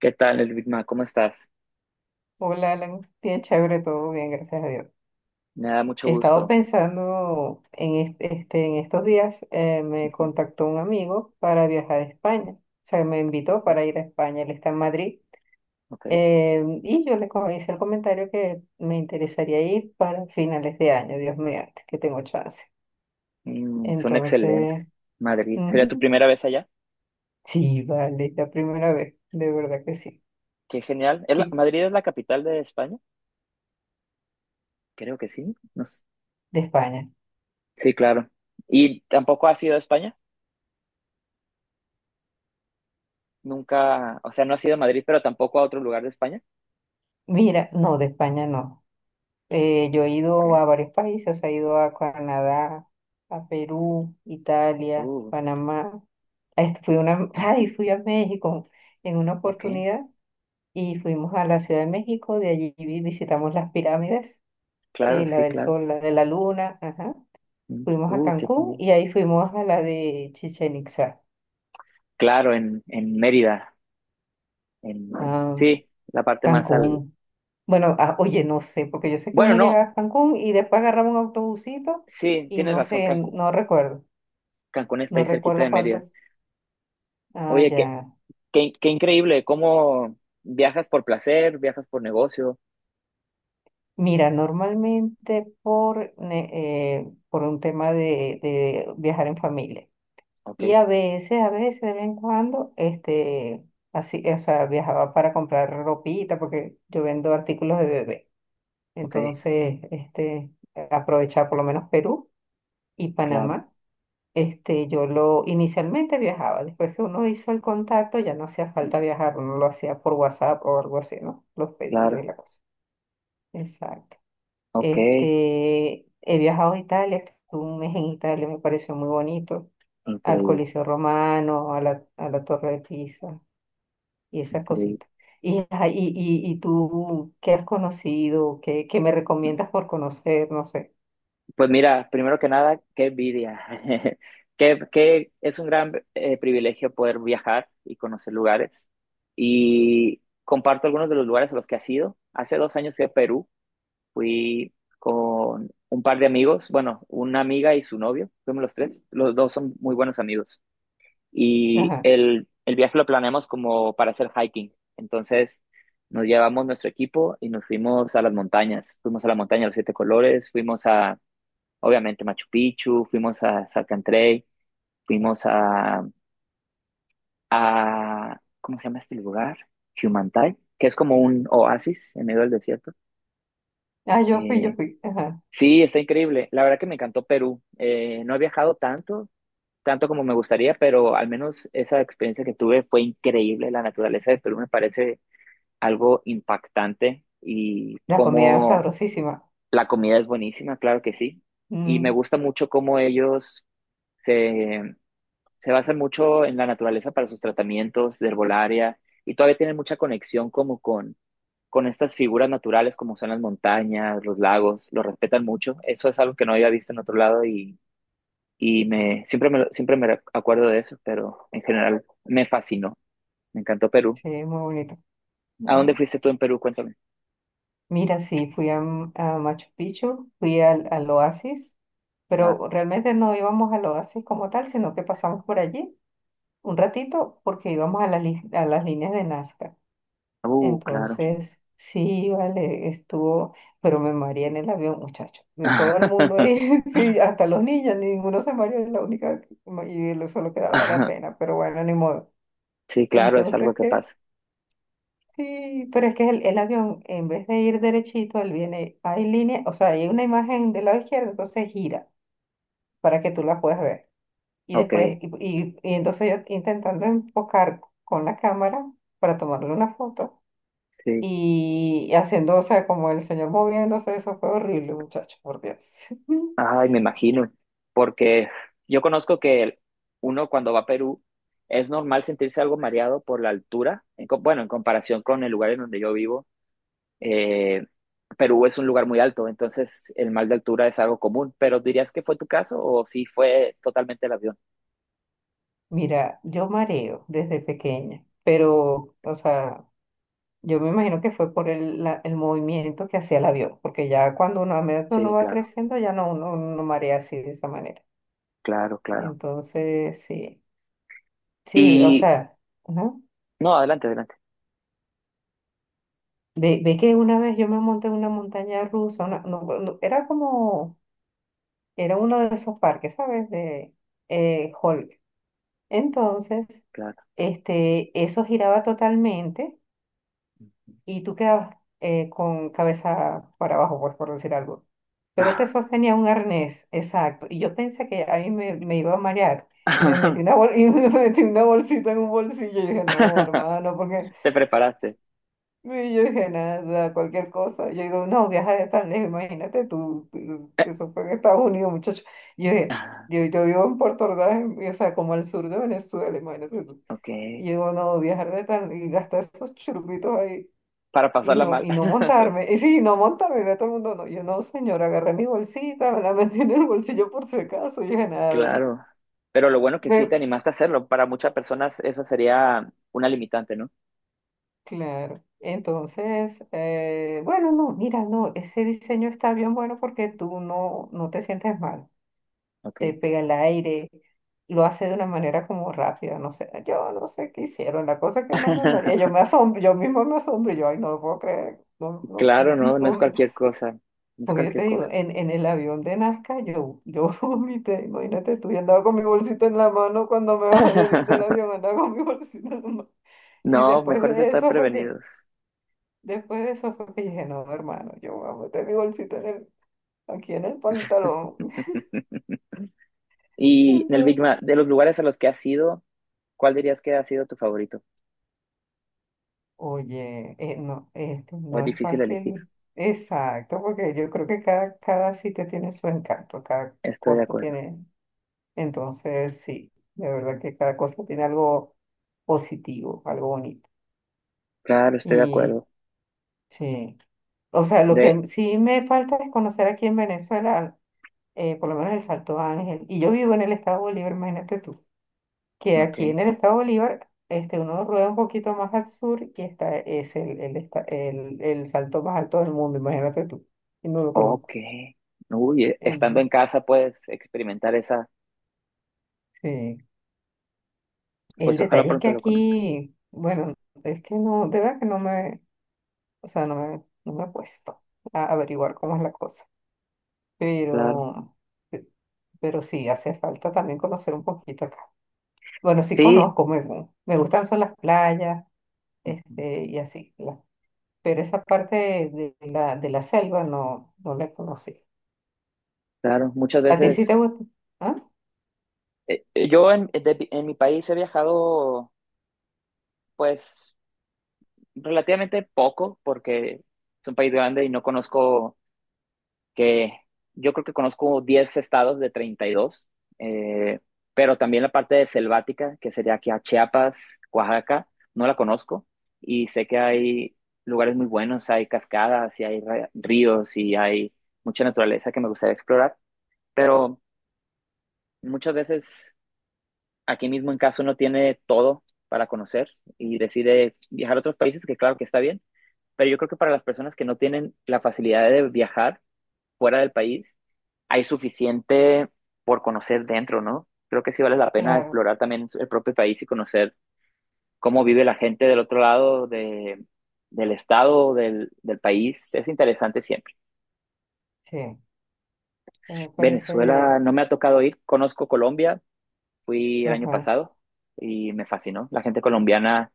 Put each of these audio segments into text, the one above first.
¿Qué tal, el Big Mac? ¿Cómo estás? Hola, Alan. Bien chévere, todo bien, gracias a Dios. Me da mucho He estado gusto. pensando en estos días, me Ujú. contactó un amigo para viajar a España. O sea, me invitó Ah, para ir a España, él está en Madrid. ok. Y yo hice el comentario que me interesaría ir para finales de año, Dios mediante, que tengo chance. Son excelentes. Entonces, Madrid. ¿Sería tu ujú, primera vez allá? sí, vale, es la primera vez, de verdad que sí. Qué genial. ¿Qué? ¿Madrid es la capital de España? Creo que sí. No, no sé. De España. Sí, claro. ¿Y tampoco has ido a España? Nunca, o sea, no has ido a Madrid, pero tampoco a otro lugar de España. Mira, no, de España no. Yo he Ok. ido a varios países, he ido a Canadá, a Perú, Italia, Uh, Panamá. Ay, ah, ay, fui a México en una ok. oportunidad y fuimos a la Ciudad de México. De allí visitamos las pirámides, Claro, la sí, del claro. Sol, la de la Luna, ajá. Fuimos a Qué Cancún genial. y ahí fuimos a la de Chichén Itzá. Claro, en Mérida. En, Ah, sí, la parte más al. Cancún. Bueno, ah, oye, no sé, porque yo sé que Bueno, uno llegaba no. a Cancún y después agarraba un autobusito Sí, y tienes no razón, sé, Cancún. no recuerdo. Cancún está No ahí cerquita de recuerdo Mérida. cuánto. Ah, Oye, qué, ya. qué, qué increíble, cómo viajas por placer, viajas por negocio. Mira, normalmente por un tema de viajar en familia. Ok, Y a veces, de vez en cuando, así, o sea, viajaba para comprar ropita, porque yo vendo artículos de bebé. ok, Entonces, aprovechaba por lo menos Perú y claro, Panamá. Yo lo inicialmente viajaba, después que uno hizo el contacto, ya no hacía falta viajar, uno lo hacía por WhatsApp o algo así, ¿no? Los pedidos y claro, la cosa. Exacto. ok, He viajado a Italia, estuve un mes en Italia, me pareció muy bonito, al increíble, Coliseo Romano, a la Torre de Pisa y esas increíble. cositas. Ajá, y tú, ¿qué has conocido? ¿Qué me recomiendas por conocer? No sé. Pues mira, primero que nada, qué envidia. Que es un gran privilegio poder viajar y conocer lugares. Y comparto algunos de los lugares a los que has ido. Hace 2 años fui a Perú, fui con un par de amigos, bueno, una amiga y su novio, fuimos los tres, los dos son muy buenos amigos. Y Ajá. el viaje lo planeamos como para hacer hiking. Entonces nos llevamos nuestro equipo y nos fuimos a las montañas. Fuimos a la montaña de los siete colores, fuimos a, obviamente, Machu Picchu, fuimos a Salcantay, fuimos a, ¿cómo se llama este lugar? Humantay, que es como un oasis en medio del desierto. Ah, yo fui, yo Eh, fui. Ajá. sí, está increíble. La verdad que me encantó Perú. No he viajado tanto, tanto como me gustaría, pero al menos esa experiencia que tuve fue increíble. La naturaleza de Perú me parece algo impactante, y La comida es cómo sabrosísima. la comida es buenísima, claro que sí. Y me Mm, gusta mucho cómo ellos se, se basan mucho en la naturaleza para sus tratamientos de herbolaria y todavía tienen mucha conexión como con, estas figuras naturales como son las montañas, los lagos, lo respetan mucho. Eso es algo que no había visto en otro lado, y me, siempre, me, lo- siempre me acuerdo de eso, pero en general me fascinó. Me encantó Perú. sí, muy bonito. ¿A dónde Ujú. fuiste tú en Perú? Cuéntame. Mira, sí, fui a Machu Picchu, fui al Oasis, Claro. pero realmente no íbamos al Oasis como tal, sino que pasamos por allí un ratito porque íbamos a las líneas de Nazca. Claro. Entonces, sí, vale, estuvo, pero me mareé en el avión, muchacho. De todo el mundo ahí, sí, hasta los niños, ninguno se mareó, la única, y lo solo quedaba era pena, pero bueno, ni modo. Sí, claro, es algo Entonces, que que pasa. sí, pero es que el avión, en vez de ir derechito, él viene, hay línea, o sea, hay una imagen del lado izquierdo, entonces gira para que tú la puedas ver. Y Ok, después, y entonces yo intentando enfocar con la cámara para tomarle una foto sí. y haciendo, o sea, como el señor moviéndose, eso fue horrible, muchacho, por Dios. Ay, me imagino. Porque yo conozco que uno cuando va a Perú es normal sentirse algo mareado por la altura. Bueno, en comparación con el lugar en donde yo vivo, Eh, Perú es un lugar muy alto, entonces el mal de altura es algo común, pero ¿dirías que fue tu caso o si fue totalmente el avión? Mira, yo mareo desde pequeña, pero, o sea, yo me imagino que fue por el movimiento que hacía el avión, porque ya cuando uno, a medida que uno Sí, va claro, creciendo, ya no, uno no marea así de esa manera. claro, claro. Entonces, sí, sí, o Y sea, ajá. no, adelante, adelante, Ve, ve que una vez yo me monté en una montaña rusa, era uno de esos parques, ¿sabes? De Hulk. Entonces, claro. Eso giraba totalmente y tú quedabas con cabeza para abajo, pues por decir algo. Pero te Ah. sostenía un arnés, exacto. Y yo pensé que a mí me iba a marear y me metí una bol- y me metí una bolsita en un bolsillo. Y yo dije, no, hermano, porque, Te preparaste. y yo dije, nada, cualquier cosa. Yo digo, no, viaja de tan lejos, imagínate tú, eso fue en Estados Unidos, muchacho. Y yo dije, Ah, yo vivo en Puerto Ordaz, o sea, como al sur de Venezuela, imagínate tú. ok, Y digo, no, viajar de tan, y gastar esos churritos ahí, para y pasarla no, mal. y no montarme. Y sí, no montarme, y ve todo el mundo, no. Yo, no, señora, agarré mi bolsita, me la metí en el bolsillo por si acaso. Y yo dije, nada. Claro. Pero lo bueno que sí te animaste a hacerlo. Para muchas personas eso sería una limitante, ¿no? Claro. Entonces, bueno, no, mira, no, ese diseño está bien bueno porque tú no te sientes mal, te Ok. pega el aire, lo hace de una manera como rápida, no sé, yo no sé qué hicieron, la cosa es que no me maría, yo me asombro, yo mismo me asombro, yo, ay, no lo puedo creer, no, no, Claro, no, no es no, cualquier cosa. No es porque yo cualquier te digo, cosa. en el avión de Nazca, yo vomité, imagínate, tú, yo andaba con mi bolsito en la mano cuando me bajé del avión, andaba con mi bolsito en la mano, y No, después mejor es de estar eso fue que... prevenidos. Después de eso fue que dije, no, hermano, yo voy a meter mi bolsita aquí en el pantalón. Y en el Big Mac, Entonces, de los lugares a los que has ido, ¿cuál dirías que ha sido tu favorito? oye, no, este ¿O es no es difícil elegir? fácil. Exacto, porque yo creo que cada sitio tiene su encanto, cada Estoy de cosa acuerdo. tiene. Entonces, sí, de verdad que cada cosa tiene algo positivo, algo bonito. Claro, estoy de Y acuerdo. sí, o sea, lo De, que sí me falta es conocer aquí en Venezuela, por lo menos el Salto Ángel. Y yo vivo en el estado de Bolívar, imagínate tú. Que ok, aquí en el estado Bolívar, uno rueda un poquito más al sur y está, es el salto más alto del mundo, imagínate tú, y no lo ok. conozco. Uy, estando en En- casa puedes experimentar esa, sí. El pues ojalá detalle es que pronto lo conozcas. aquí, bueno, es que no, de verdad que no me, o sea, no me he puesto a averiguar cómo es la cosa, Claro. pero, pe- pero sí, hace falta también conocer un poquito acá. Bueno, sí Sí, conozco, me gustan son las playas, ujú, y así, las. Pero esa parte de la selva no la conocí. claro. Muchas ¿A ti sí te veces, gusta? ¿Ah? Yo en mi país he viajado, pues, relativamente poco, porque es un país grande y no conozco, que yo creo que conozco 10 estados de 32, eh, pero también la parte de selvática, que sería aquí a Chiapas, Oaxaca, no la conozco, y sé que hay lugares muy buenos, hay cascadas y hay ríos y hay mucha naturaleza que me gustaría explorar, pero muchas veces aquí mismo en casa uno tiene todo para conocer y decide viajar a otros países, que claro que está bien, pero yo creo que para las personas que no tienen la facilidad de viajar fuera del país, hay suficiente por conocer dentro, ¿no? Creo que sí vale la pena Claro, explorar también el propio país y conocer cómo vive la gente del otro lado del estado, del país. Es interesante siempre. sí, sí, me parece... Venezuela no me ha tocado ir, conozco Colombia, fui el año Ajá. pasado y me fascinó. La gente colombiana,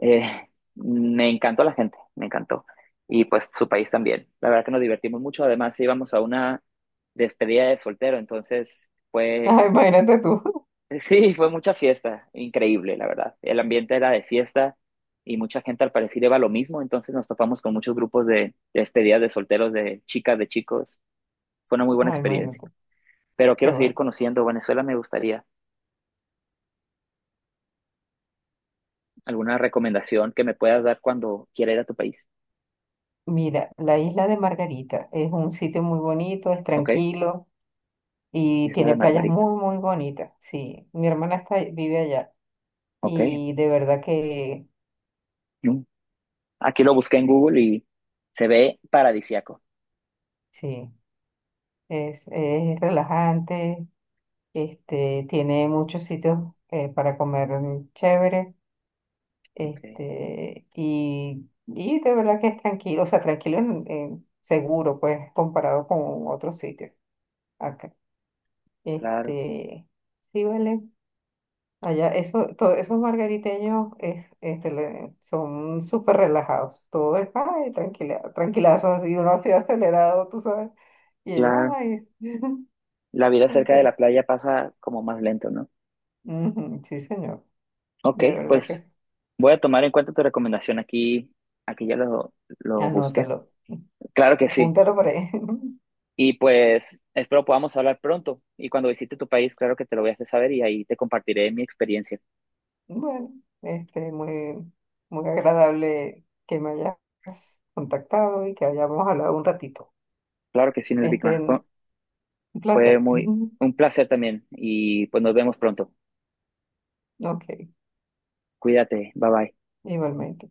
eh, me encantó la gente, me encantó. Y pues su país también. La verdad que nos divertimos mucho. Además, íbamos a una despedida de soltero, entonces fue Ah, imagínate tú. sí, fue mucha fiesta, increíble, la verdad. El ambiente era de fiesta y mucha gente al parecer iba a lo mismo, entonces nos topamos con muchos grupos de despedidas de solteros, de chicas, de chicos. Fue una muy buena Ah, experiencia. imagínate. Pero Qué quiero seguir bueno. conociendo Venezuela, me gustaría alguna recomendación que me puedas dar cuando quiera ir a tu país. Mira, la isla de Margarita es un sitio muy bonito, es ¿Ok? tranquilo y Isla tiene de playas Margarita. muy, muy bonitas. Sí, mi hermana está, vive allá ¿Ok? y de verdad que Mm. Aquí lo busqué en Google y se ve paradisiaco. sí, es relajante, tiene muchos sitios para comer chévere. Ok, Y de verdad que es tranquilo, o sea, tranquilo en seguro, pues, comparado con otros sitios acá. claro, Este, sí, vale. Allá, eso, todos esos margariteños son súper relajados. Todo es, ay, tranquila, tranquilazo, así, uno así acelerado, tú sabes. Y ellos, claro. ay. La vida cerca de Entonces, la playa pasa como más lento, ¿no? ujú, sí, señor, Ok, de verdad que pues sí. voy a tomar en cuenta tu recomendación aquí. Aquí ya lo busqué. Anótalo, Claro que sí. apúntalo por ahí. Y pues espero podamos hablar pronto. Y cuando visite tu país, claro que te lo voy a hacer saber y ahí te compartiré mi experiencia. Bueno, muy, muy agradable que me hayas contactado y que hayamos hablado un ratito. Claro que sí, el Big Mac. Fue Este, un fue placer. muy un placer también. Y pues nos vemos pronto. Ok, Cuídate. Bye bye. igualmente.